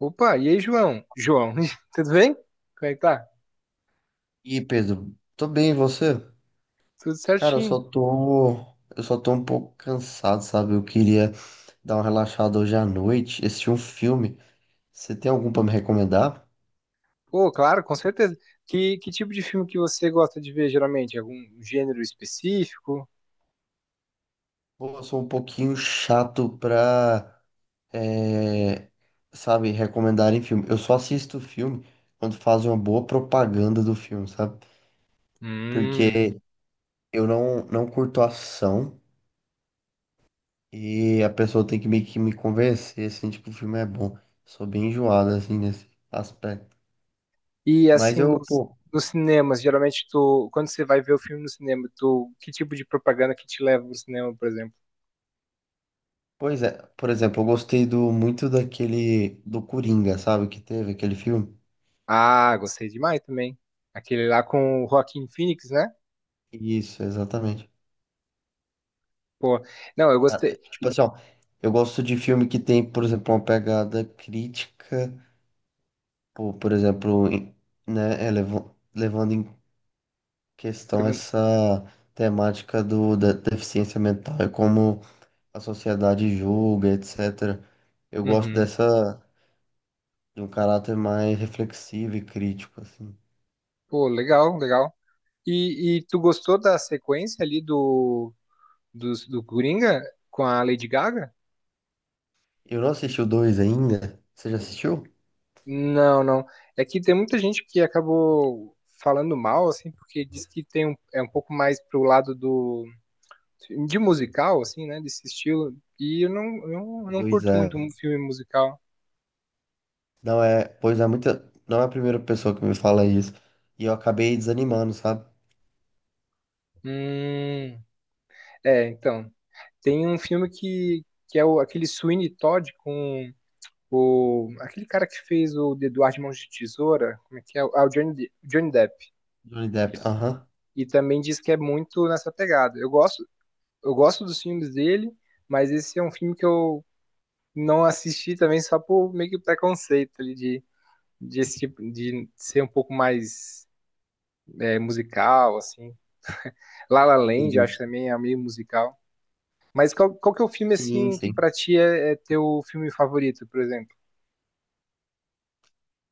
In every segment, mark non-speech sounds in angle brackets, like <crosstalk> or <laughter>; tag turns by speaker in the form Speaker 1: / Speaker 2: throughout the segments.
Speaker 1: Opa, e aí, João? João, <laughs> tudo bem? Como é que tá?
Speaker 2: E Pedro, tô bem, e você?
Speaker 1: Tudo
Speaker 2: Cara, eu
Speaker 1: certinho.
Speaker 2: só tô, eu só tô um pouco cansado, sabe? Eu queria dar uma relaxada hoje à noite, assistir um filme. Você tem algum pra me recomendar?
Speaker 1: Pô, claro, com certeza. Que tipo de filme que você gosta de ver, geralmente? Algum gênero específico?
Speaker 2: Ou eu sou um pouquinho chato pra, é, sabe, recomendar em filme. Eu só assisto filme quando fazem uma boa propaganda do filme, sabe?
Speaker 1: Hum.
Speaker 2: Porque eu não curto ação e a pessoa tem que meio que me convencer, assim, tipo, o filme é bom. Sou bem enjoado, assim, nesse aspecto.
Speaker 1: E
Speaker 2: Mas
Speaker 1: assim,
Speaker 2: eu, pô,
Speaker 1: nos cinemas, geralmente quando você vai ver o filme no cinema, que tipo de propaganda que te leva pro cinema, por exemplo?
Speaker 2: pois é, por exemplo, eu gostei muito daquele do Coringa, sabe, que teve aquele filme.
Speaker 1: Ah, gostei demais também. Aquele lá com o Joaquin Phoenix, né?
Speaker 2: Isso, exatamente.
Speaker 1: Pô, não, eu
Speaker 2: Cara,
Speaker 1: gostei.
Speaker 2: tipo assim, ó, eu gosto de filme que tem, por exemplo, uma pegada crítica, por exemplo, né, levando em questão essa temática da deficiência mental e como a sociedade julga, etc. Eu gosto
Speaker 1: Uhum.
Speaker 2: dessa, de um caráter mais reflexivo e crítico, assim.
Speaker 1: Pô, legal, legal. E tu gostou da sequência ali do, do Coringa com a Lady Gaga?
Speaker 2: Eu não assisti o 2 ainda. Você já assistiu?
Speaker 1: Não, não. É que tem muita gente que acabou falando mal, assim, porque diz que tem um, é um pouco mais pro lado do de musical, assim, né, desse estilo. Eu não
Speaker 2: Pois
Speaker 1: curto
Speaker 2: é.
Speaker 1: muito um filme musical.
Speaker 2: Não é, pois é muita, não é a primeira pessoa que me fala isso. E eu acabei desanimando, sabe?
Speaker 1: Hum, é, então, tem um filme que é o, aquele Sweeney Todd com o aquele cara que fez o de Eduardo de Mãos de Tesoura, como é que é? Ah, o Johnny Depp.
Speaker 2: Johnny Depp.
Speaker 1: Isso.
Speaker 2: Aham.
Speaker 1: E também diz que é muito nessa pegada. Eu gosto dos filmes dele, mas esse é um filme que eu não assisti também só por meio que preconceito ali de, esse tipo, de ser um pouco mais é, musical, assim. La La Land, eu
Speaker 2: Entendi.
Speaker 1: acho também é meio musical. Mas qual que é o filme,
Speaker 2: Sim,
Speaker 1: assim, que
Speaker 2: sim.
Speaker 1: pra ti é, é teu filme favorito, por exemplo?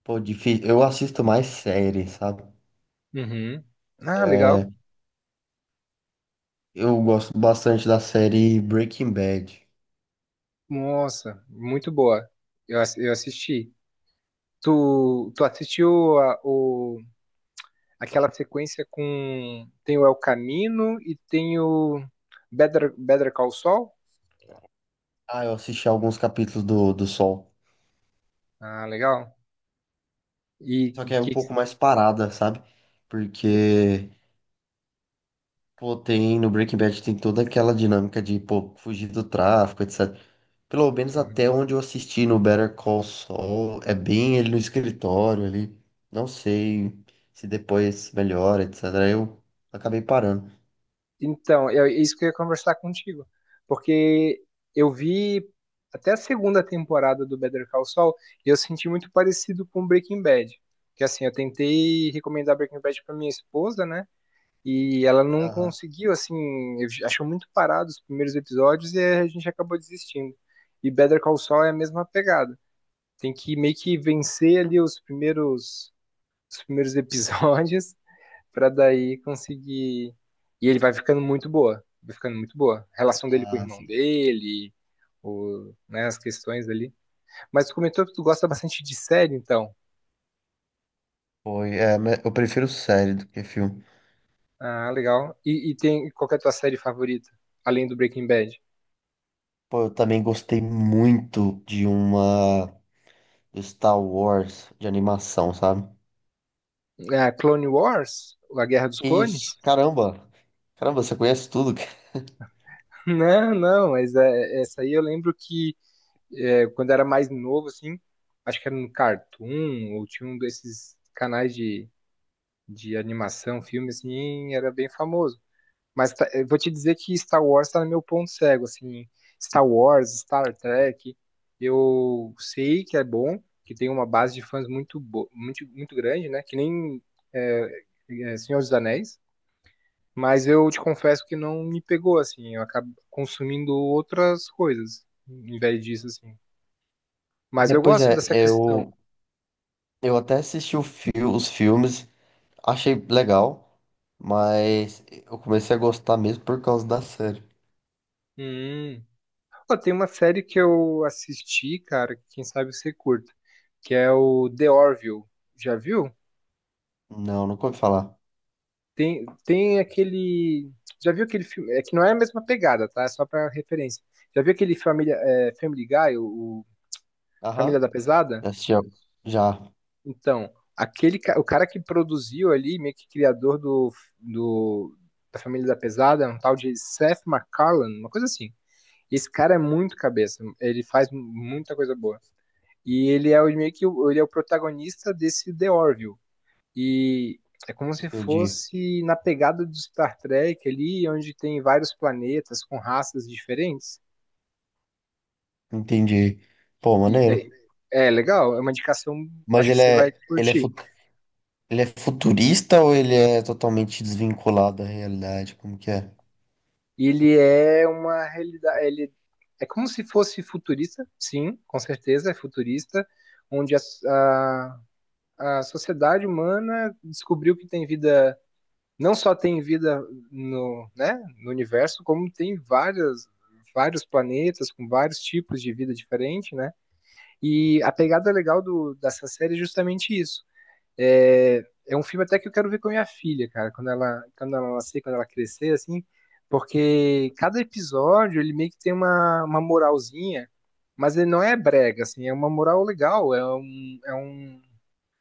Speaker 2: Pô, difícil. Eu assisto mais série, sabe?
Speaker 1: Uhum. Ah, legal.
Speaker 2: É, eu gosto bastante da série Breaking Bad.
Speaker 1: Nossa, muito boa. Eu assisti. Tu assistiu o aquela sequência com. Tem o El Camino e tem o Better Call Saul.
Speaker 2: Ah, eu assisti alguns capítulos do Sol.
Speaker 1: Ah, legal. E,
Speaker 2: Só
Speaker 1: e
Speaker 2: que é um
Speaker 1: que...
Speaker 2: pouco mais parada, sabe? Porque, pô, tem no Breaking Bad tem toda aquela dinâmica de, pô, fugir do tráfico, etc. Pelo menos até
Speaker 1: Uhum.
Speaker 2: onde eu assisti no Better Call Saul, é bem ele no escritório ali. Não sei se depois melhora, etc. Eu acabei parando.
Speaker 1: Então, é isso que eu ia conversar contigo. Porque eu vi até a segunda temporada do Better Call Saul e eu senti muito parecido com Breaking Bad. Que assim, eu tentei recomendar Breaking Bad pra minha esposa, né? E ela não
Speaker 2: Aham.
Speaker 1: conseguiu, assim, achou muito parado os primeiros episódios e a gente acabou desistindo. E Better Call Saul é a mesma pegada. Tem que meio que vencer ali os primeiros episódios <laughs> pra daí conseguir. E ele vai ficando muito boa. Vai ficando muito boa. A relação dele com o
Speaker 2: Ah,
Speaker 1: irmão
Speaker 2: sim.
Speaker 1: dele, o, né, as questões ali. Mas tu comentou que tu gosta bastante de série, então.
Speaker 2: Foi, mas eu prefiro série do que filme.
Speaker 1: Ah, legal. E tem qual que é a tua série favorita? Além do Breaking Bad?
Speaker 2: Pô, eu também gostei muito de uma do Star Wars de animação, sabe?
Speaker 1: Ah, Clone Wars? A Guerra dos Clones?
Speaker 2: Isso, caramba. Caramba, você conhece tudo, cara.
Speaker 1: <laughs> Não, não, mas essa aí eu lembro que é, quando era mais novo, assim, acho que era no Cartoon, ou tinha um desses canais de animação, filme, assim, era bem famoso. Mas eu vou te dizer que Star Wars tá no meu ponto cego, assim, Star Wars, Star Trek, eu sei que é bom, que tem uma base de fãs muito, muito grande, né, que nem é, é, Senhor dos Anéis, mas eu te confesso que não me pegou, assim, eu acabo consumindo outras coisas, em vez disso, assim. Mas
Speaker 2: É,
Speaker 1: eu
Speaker 2: pois
Speaker 1: gosto
Speaker 2: é,
Speaker 1: dessa questão.
Speaker 2: eu até assisti os filmes, achei legal, mas eu comecei a gostar mesmo por causa da série.
Speaker 1: Hum, Pô, tem uma série que eu assisti, cara, que quem sabe você curta, que é o The Orville. Já viu?
Speaker 2: Não, nunca ouvi falar.
Speaker 1: Tem aquele. Já viu aquele filme? É que não é a mesma pegada, tá? É só pra referência. Já viu aquele Family Guy, o Família
Speaker 2: Aham.
Speaker 1: da Pesada?
Speaker 2: Já assisti, já,
Speaker 1: Então, o cara que produziu ali, meio que criador do, da Família da Pesada, é um tal de Seth MacFarlane, uma coisa assim. Esse cara é muito cabeça, ele faz muita coisa boa. E ele é o, meio que o- ele é o protagonista desse The Orville. E é como se
Speaker 2: entendi,
Speaker 1: fosse na pegada do Star Trek ali, onde tem vários planetas com raças diferentes.
Speaker 2: entendi. Pô,
Speaker 1: E
Speaker 2: maneiro.
Speaker 1: daí- é legal, é uma indicação,
Speaker 2: Mas
Speaker 1: acho que
Speaker 2: ele
Speaker 1: você vai
Speaker 2: é, ele é,
Speaker 1: curtir.
Speaker 2: fu- ele é futurista ou ele é totalmente desvinculado da realidade? Como que é?
Speaker 1: E ele é uma realidade, ele é como se fosse futurista, sim, com certeza é futurista, onde a sociedade humana descobriu que tem vida não só tem vida no, né, no universo, como tem várias vários planetas com vários tipos de vida diferente, né? E a pegada legal dessa série é justamente isso. É, é um filme até que eu quero ver com a minha filha, cara, quando ela nascer, quando ela crescer, assim, porque cada episódio ele meio que tem uma moralzinha, mas ele não é brega, assim, é uma moral legal, é um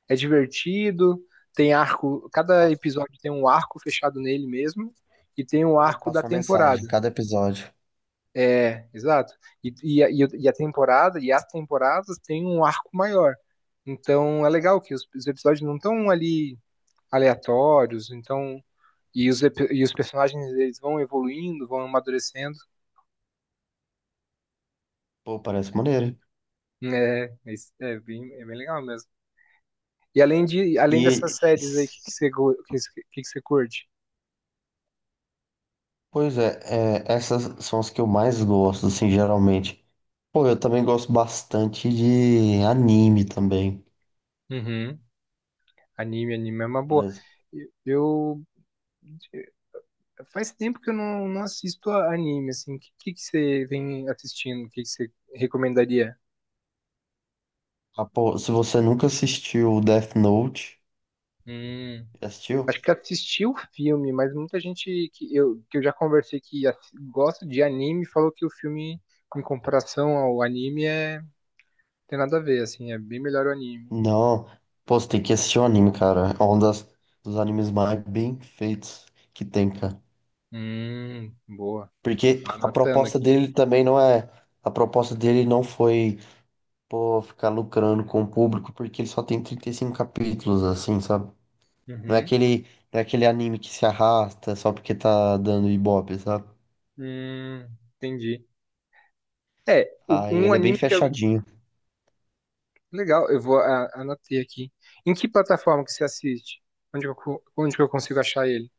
Speaker 1: é divertido, tem arco, cada
Speaker 2: Passa-
Speaker 1: episódio tem um arco fechado nele mesmo e tem o um
Speaker 2: Ele
Speaker 1: arco da
Speaker 2: passa uma mensagem
Speaker 1: temporada.
Speaker 2: em cada episódio.
Speaker 1: É, exato. E a temporada, e as temporadas têm um arco maior. Então é legal que os episódios não estão ali aleatórios, então e e os personagens eles vão evoluindo, vão amadurecendo.
Speaker 2: Pô, parece maneiro, hein?
Speaker 1: É, isso é bem legal mesmo. E além dessas
Speaker 2: E
Speaker 1: séries aí, o que que que você curte?
Speaker 2: pois é, essas são as que eu mais gosto, assim, geralmente. Pô, eu também gosto bastante de anime também,
Speaker 1: Uhum. Anime, anime é uma
Speaker 2: por
Speaker 1: boa.
Speaker 2: exemplo.
Speaker 1: Eu, eu- faz tempo que eu não, não assisto a anime, assim. O que você vem assistindo? O que você recomendaria?
Speaker 2: Ah, pô, se você nunca assistiu Death Note,
Speaker 1: Hum.
Speaker 2: já
Speaker 1: Acho
Speaker 2: assistiu?
Speaker 1: que assisti o filme, mas muita gente que eu já conversei que gosta de anime falou que o filme, em comparação ao anime, é, tem nada a ver, assim, é bem melhor o anime.
Speaker 2: Não. Pô, você tem que assistir o anime, cara. É um dos animes mais bem feitos que tem, cara.
Speaker 1: Boa.
Speaker 2: Porque a
Speaker 1: Anotando
Speaker 2: proposta
Speaker 1: aqui.
Speaker 2: dele também não é. A proposta dele não foi, pô, ficar lucrando com o público, porque ele só tem 35 capítulos, assim, sabe? Não é
Speaker 1: Uhum.
Speaker 2: aquele, não é aquele anime que se arrasta só porque tá dando ibope, sabe?
Speaker 1: Hum, entendi. É,
Speaker 2: Aí
Speaker 1: um
Speaker 2: ele é bem
Speaker 1: anime que eu
Speaker 2: fechadinho.
Speaker 1: legal, eu anotei aqui. Em que plataforma que você assiste? Onde que onde que eu consigo achar ele?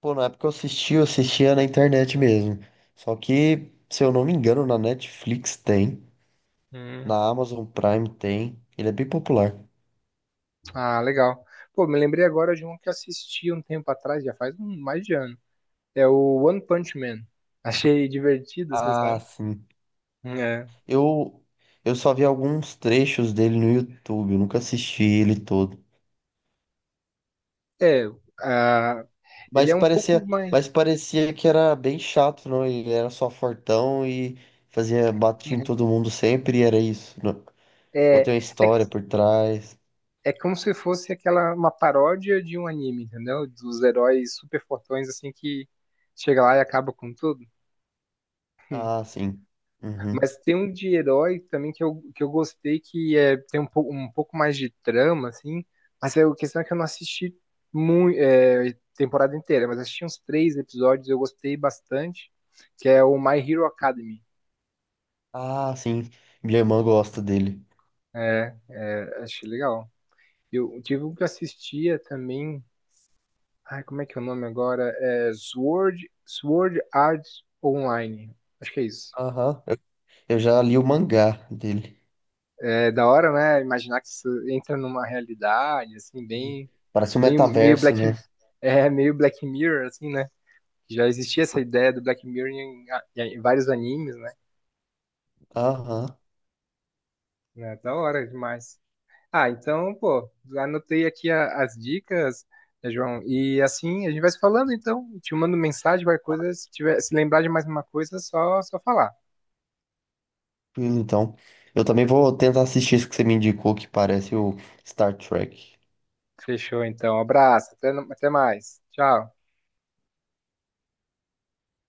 Speaker 2: Pô, na época que eu assisti, eu assistia na internet mesmo. Só que, se eu não me engano, na Netflix tem,
Speaker 1: Hum,
Speaker 2: na Amazon Prime tem. Ele é bem popular.
Speaker 1: Ah, legal. Pô, me lembrei agora de um que eu assisti um tempo atrás, já faz um, mais de ano. É o One Punch Man. Achei divertido, assim,
Speaker 2: Ah,
Speaker 1: sabe?
Speaker 2: sim.
Speaker 1: É.
Speaker 2: Eu, eu só vi alguns trechos dele no YouTube, eu nunca assisti ele todo.
Speaker 1: É, ah, ele
Speaker 2: Mas
Speaker 1: é um pouco
Speaker 2: parecia,
Speaker 1: mais.
Speaker 2: mas parecia que era bem chato, não? Ele era só fortão e fazia batia em todo mundo sempre e era isso, né? Ou
Speaker 1: É,
Speaker 2: tem uma
Speaker 1: é, que-
Speaker 2: história por trás.
Speaker 1: é como se fosse aquela uma paródia de um anime, entendeu? Dos heróis super fortões, assim, que chega lá e acaba com tudo.
Speaker 2: Ah, sim. Uhum.
Speaker 1: Mas tem um de herói também que eu gostei, que é, tem um pouco mais de trama, assim. Mas é, a questão é que eu não assisti muito, temporada inteira, mas assisti uns 3 episódios, eu gostei bastante, que é o My Hero Academy.
Speaker 2: Ah, sim. Minha irmã gosta dele.
Speaker 1: É, é, achei legal. Eu tive um que eu assistia também. Ai, como é que é o nome agora? É Sword Art Online. Acho que é isso.
Speaker 2: Aham. Eu já li o mangá dele.
Speaker 1: É da hora, né? Imaginar que isso entra numa realidade, assim, bem.
Speaker 2: Parece um
Speaker 1: Meio, meio
Speaker 2: metaverso,
Speaker 1: Black.
Speaker 2: né?
Speaker 1: É, meio Black Mirror, assim, né? Já existia essa ideia do Black Mirror em vários animes, né?
Speaker 2: Aham.
Speaker 1: É da hora demais. Ah, então, pô, anotei aqui as dicas, né, João. E assim, a gente vai se falando, então. Te mando mensagem, qualquer coisa. Se tiver, se lembrar de mais uma coisa, é só falar.
Speaker 2: Então, eu também vou tentar assistir isso que você me indicou, que parece o Star Trek.
Speaker 1: Fechou, então. Abraço. Até, no- até mais. Tchau.